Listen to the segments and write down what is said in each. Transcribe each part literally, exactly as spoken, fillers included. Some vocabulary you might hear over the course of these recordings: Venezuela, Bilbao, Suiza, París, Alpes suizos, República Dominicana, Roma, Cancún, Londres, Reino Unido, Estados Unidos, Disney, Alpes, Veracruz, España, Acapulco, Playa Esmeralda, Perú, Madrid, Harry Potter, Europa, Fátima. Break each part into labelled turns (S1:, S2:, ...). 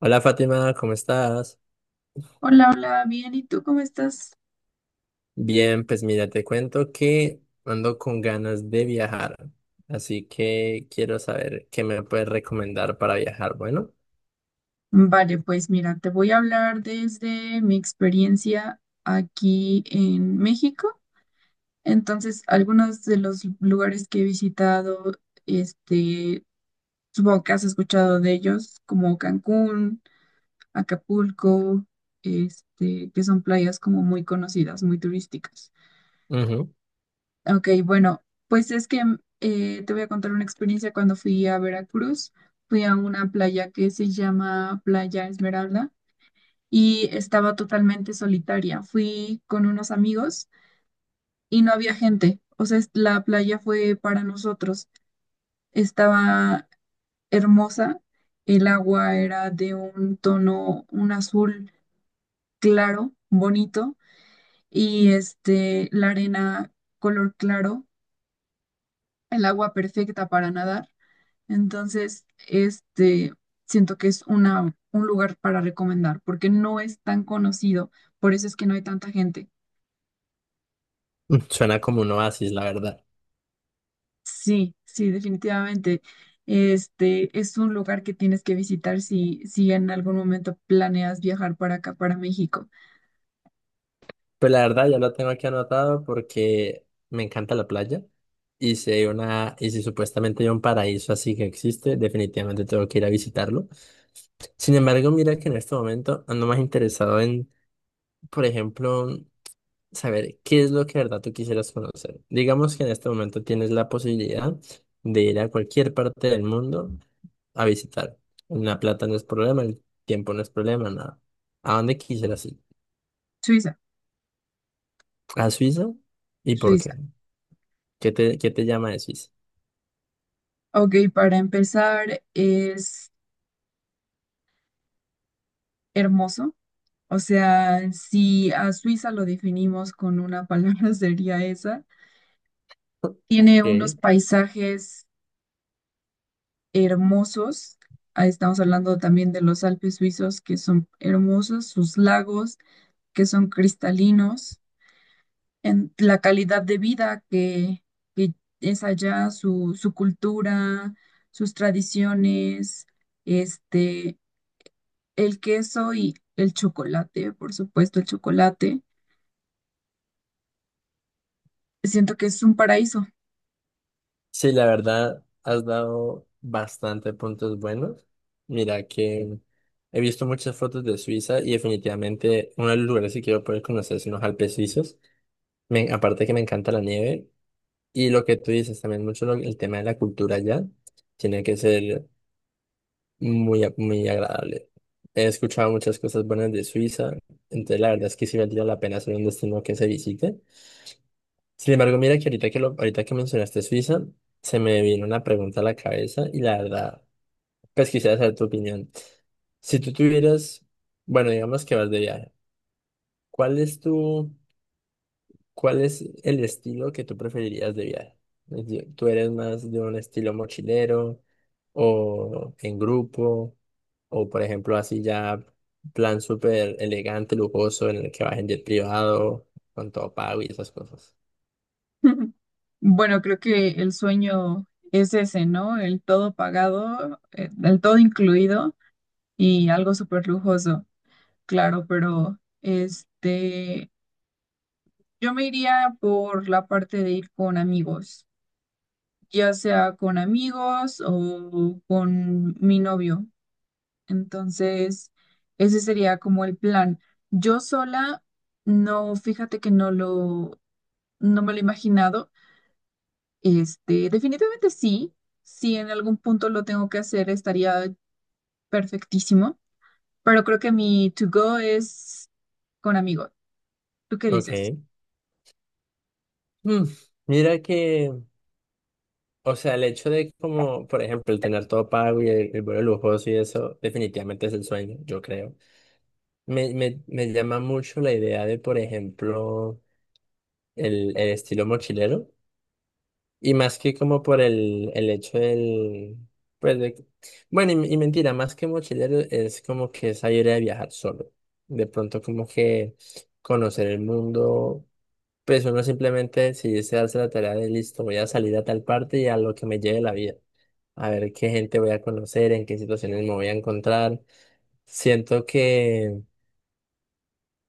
S1: Hola Fátima, ¿cómo estás?
S2: Hola, hola, bien, ¿y tú cómo estás?
S1: Bien, pues mira, te cuento que ando con ganas de viajar, así que quiero saber qué me puedes recomendar para viajar. Bueno,
S2: Vale, pues mira, te voy a hablar desde mi experiencia aquí en México. Entonces, algunos de los lugares que he visitado, este, supongo que has escuchado de ellos, como Cancún, Acapulco, este, que son playas como muy conocidas, muy turísticas.
S1: ujú,
S2: Ok, bueno, pues es que eh, te voy a contar una experiencia cuando fui a Veracruz. Fui a una playa que se llama Playa Esmeralda y estaba totalmente solitaria. Fui con unos amigos y no había gente. O sea, es- la playa fue para nosotros. Estaba hermosa. El agua era de un tono, un azul claro, bonito, y este, la arena color claro, el agua perfecta para nadar. Entonces, este, siento que es una, un lugar para recomendar porque no es tan conocido, por eso es que no hay tanta gente.
S1: mm, Suena como un oasis, la verdad.
S2: Sí, sí, definitivamente. Este es un lugar que tienes que visitar si, si en algún momento planeas viajar para acá, para México.
S1: Pues la verdad ya lo tengo aquí anotado porque me encanta la playa y si hay una, y si supuestamente hay un paraíso así que existe, definitivamente tengo que ir a visitarlo. Sin embargo, mira que en este momento ando más interesado en, por ejemplo, saber qué es lo que de verdad tú quisieras conocer. Digamos que en este momento tienes la posibilidad de ir a cualquier parte del mundo a visitar. La plata no es problema, el tiempo no es problema, nada. ¿A dónde quisieras ir?
S2: Suiza,
S1: ¿A Suiza? ¿Y por
S2: Suiza.
S1: qué? ¿Qué te, qué te llama de Suiza?
S2: Ok, para empezar, es hermoso. O sea, si a Suiza lo definimos con una palabra, sería esa. Tiene unos
S1: Ok.
S2: paisajes hermosos. Ahí estamos hablando también de los Alpes suizos, que son hermosos, sus lagos, que son cristalinos, en la calidad de vida que, que es allá, su, su cultura, sus tradiciones, este, el queso y el chocolate, por supuesto, el chocolate. Siento que es un paraíso.
S1: Sí, la verdad, has dado bastante puntos buenos. Mira que he visto muchas fotos de Suiza y definitivamente uno de los lugares que quiero poder conocer son los Alpes suizos. Me, aparte que me encanta la nieve y lo que tú dices también mucho lo- el tema de la cultura allá tiene que ser muy, a- muy agradable. He escuchado muchas cosas buenas de Suiza, entonces la verdad es que sí valdría la pena ser un destino que se visite. Sin embargo, mira que ahorita que lo, ahorita que mencionaste Suiza, se me vino una pregunta a la cabeza y la verdad, pues quisiera saber tu opinión. Si tú tuvieras, bueno, digamos que vas de viaje, ¿cuál es tu ¿Cuál es el estilo que tú preferirías de viaje? Es decir, ¿tú eres más de un estilo mochilero o en grupo o por ejemplo así ya plan súper elegante, lujoso en el que vas en jet privado con todo pago y esas cosas?
S2: Bueno, creo que el sueño es ese, ¿no? El todo pagado, eh, el todo incluido y algo súper lujoso, claro, pero este, yo me iría por la parte de ir con amigos, ya sea con amigos o con mi novio. Entonces, ese sería como el plan. Yo sola, no, fíjate que no lo, no me lo he imaginado. Este, definitivamente sí, si en algún punto lo tengo que hacer, estaría perfectísimo, pero creo que mi to go es con amigos. ¿Tú qué
S1: Ok.
S2: dices?
S1: Mm, Mira que, o sea, el hecho de como, por ejemplo, el tener todo pago y el, el vuelo lujoso y eso, definitivamente es el sueño, yo creo. Me, me, me llama mucho la idea de, por ejemplo, el, el estilo mochilero. Y más que como por el, el hecho del. Pues de- bueno, y, y mentira, más que mochilero es como que esa idea de viajar solo. De pronto como que conocer el mundo, pues uno simplemente decidirse darse la tarea de listo, voy a salir a tal parte y a lo que me lleve la vida. A ver qué gente voy a conocer, en qué situaciones me voy a encontrar. Siento que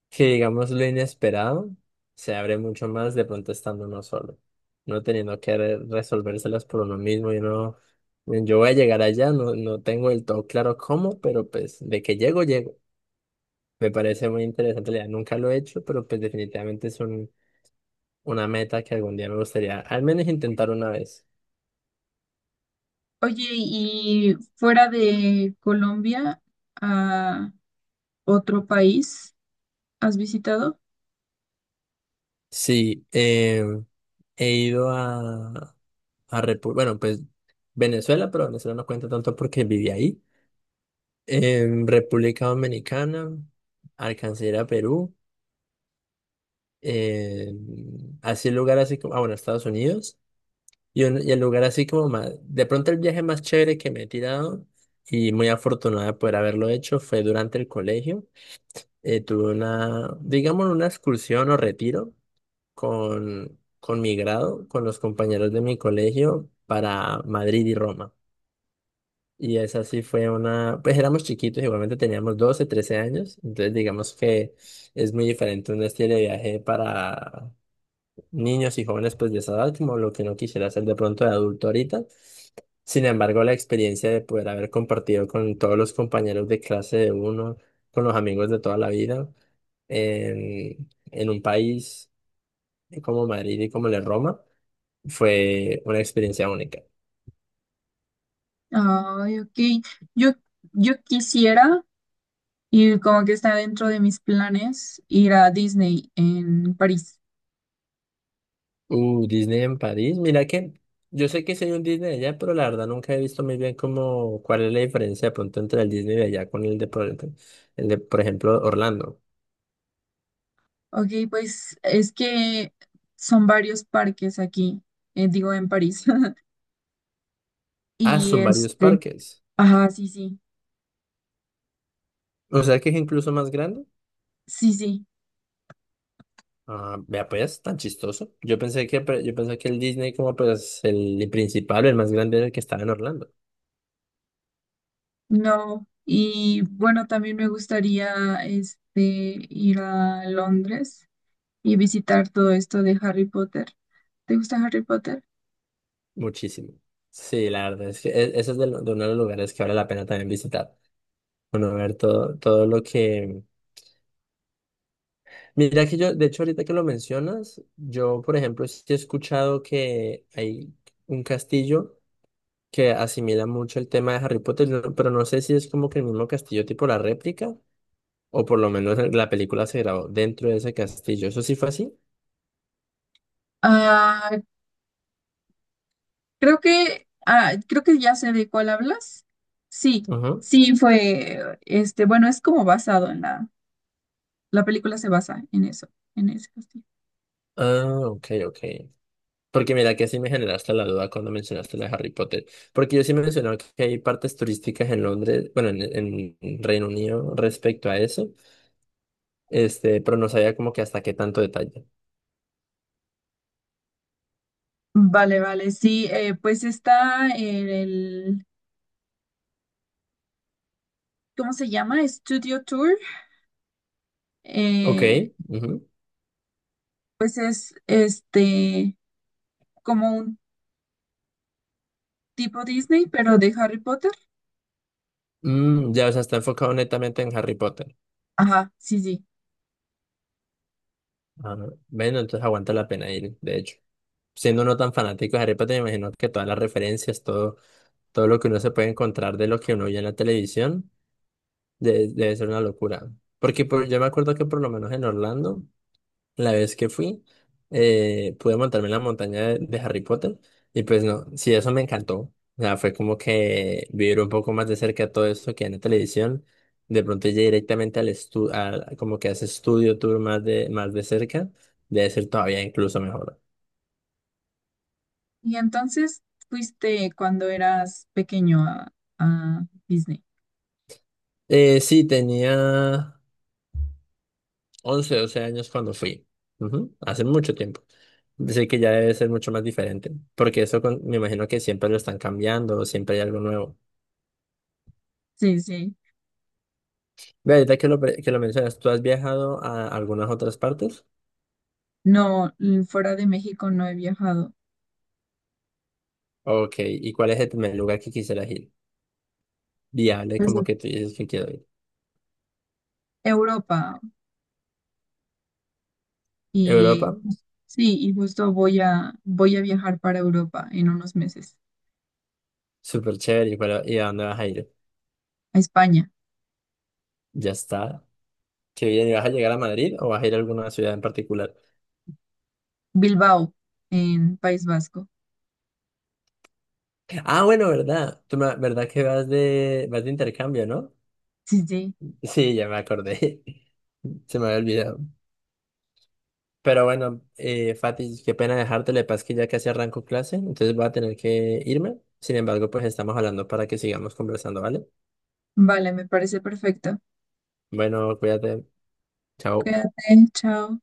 S1: que digamos lo inesperado se abre mucho más de pronto estando uno solo, no teniendo que re- resolvérselas por uno mismo y no, yo voy a llegar allá, no, no tengo del todo claro cómo, pero pues de que llego, llego. Me parece muy interesante, la idea, nunca lo he hecho, pero pues definitivamente es un, una meta que algún día me gustaría al menos intentar una vez.
S2: Oye, y fuera de Colombia, a otro país, ¿has visitado?
S1: Sí, eh, he ido a, a Repu- bueno, pues Venezuela, pero Venezuela no cuenta tanto porque viví ahí. em, República Dominicana, alcancé a ir a Perú, em, así el lugar así como, ah, bueno, Estados Unidos, y, un- y el lugar así como más, de pronto el viaje más chévere que me he tirado y muy afortunada de poder haberlo hecho fue durante el colegio. Eh, tuve una, digamos, una excursión o retiro con, con mi grado, con los compañeros de mi colegio para Madrid y Roma. Y esa sí fue una, pues éramos chiquitos, igualmente teníamos doce trece años, entonces digamos que es muy diferente un estilo de viaje para niños y jóvenes pues de esa edad, como lo que no quisiera hacer de pronto de adulto ahorita. Sin embargo, la experiencia de poder haber compartido con todos los compañeros de clase de uno, con los amigos de toda la vida, en, en un país como Madrid y como la Roma, fue una experiencia única.
S2: Ay, ok. Yo, yo quisiera, y como que está dentro de mis planes, ir a Disney en París.
S1: Uh, Disney en París. Mira que yo sé que soy un Disney de allá, pero la verdad nunca he visto muy bien cómo, cuál es la diferencia de pronto entre el Disney de allá con el de, por, el de, por ejemplo, Orlando.
S2: Ok, pues es que son varios parques aquí, eh, digo en París.
S1: Ah,
S2: Y
S1: son varios
S2: este,
S1: parques.
S2: ajá, sí, sí,
S1: O sea que es incluso más grande.
S2: sí, sí,
S1: Ah, vea pues, tan chistoso. Yo pensé que, pre- yo pensé que el Disney como pues el principal, el más grande era el que estaba en Orlando.
S2: no. Y bueno, también me gustaría este, ir a Londres y visitar todo esto de Harry Potter. ¿Te gusta Harry Potter?
S1: Muchísimo. Sí, la verdad es que e- ese es de, lo- de uno de los lugares que vale la pena también visitar. Bueno, ver todo, todo lo que. Mira que yo, de hecho, ahorita que lo mencionas, yo, por ejemplo, sí he escuchado que hay un castillo que asimila mucho el tema de Harry Potter, no- pero no sé si es como que el mismo castillo tipo la réplica, o por lo menos la película se grabó dentro de ese castillo. ¿Eso sí fue así?
S2: Ah, creo que ah, creo que ya sé de cuál hablas. Sí,
S1: Ajá.
S2: sí fue este, bueno, es como basado en la la película se basa en eso, en ese castillo.
S1: Ah, ok, ok. Porque mira que sí me generaste la duda cuando mencionaste la de Harry Potter. Porque yo sí mencionaba que hay partes turísticas en Londres, bueno, en, en Reino Unido respecto a eso, este, pero no sabía como que hasta qué tanto detalle.
S2: Vale, vale, sí, eh, pues está en el ¿cómo se llama? Studio Tour.
S1: Ok.
S2: Eh,
S1: Ujú.
S2: pues es este como un tipo Disney, pero de Harry Potter.
S1: Mm, ya, o sea, está enfocado netamente en Harry Potter.
S2: Ajá, sí, sí.
S1: Ah, bueno, entonces aguanta la pena ir, de hecho. Siendo uno tan fanático de Harry Potter, me imagino que todas las referencias, todo, todo lo que uno se puede encontrar de lo que uno oye en la televisión, de- debe ser una locura. Porque por- yo me acuerdo que por lo menos en Orlando, la vez que fui, eh, pude montarme en la montaña de, de Harry Potter y pues no, sí, eso me encantó. O sea, fue como que vivir un poco más de cerca todo esto que en la televisión. De pronto llegué directamente al estudio, como que a ese estudio tour más de, más de cerca, debe ser todavía incluso mejor.
S2: Y entonces fuiste cuando eras pequeño a, a Disney.
S1: Eh, sí, tenía once doce años cuando fui. Ujú, hace mucho tiempo. Así que ya debe ser mucho más diferente, porque eso con- me imagino que siempre lo están cambiando, siempre hay algo nuevo.
S2: Sí, sí.
S1: Ve, ahorita que lo, pre- que lo mencionas, ¿tú has viajado a algunas otras partes?
S2: No, l- fuera de México no he viajado.
S1: Ok, ¿y cuál es el primer lugar que quisieras ir? Viable,
S2: Pues a
S1: como que tú dices que quiero ir.
S2: Europa
S1: ¿Europa?
S2: y jus- sí, y justo voy a voy a viajar para Europa en unos meses,
S1: Súper chévere, ¿y, cuál- y a dónde vas a ir?
S2: a España,
S1: Ya está. Qué bien, ¿y vas a llegar a Madrid o vas a ir a alguna ciudad en particular?
S2: Bilbao, en País Vasco.
S1: Ah, bueno, ¿verdad? Tú me- ¿verdad que vas de, vas de intercambio, no?
S2: Sí, sí.
S1: Sí, ya me acordé. Se me había olvidado. Pero bueno, eh, Fati, qué pena dejarte, le pasa que ya casi arranco clase, entonces voy a tener que irme. Sin embargo, pues estamos hablando para que sigamos conversando, ¿vale?
S2: Vale, me parece perfecto.
S1: Bueno, cuídate. Chao.
S2: Cuídate, chao.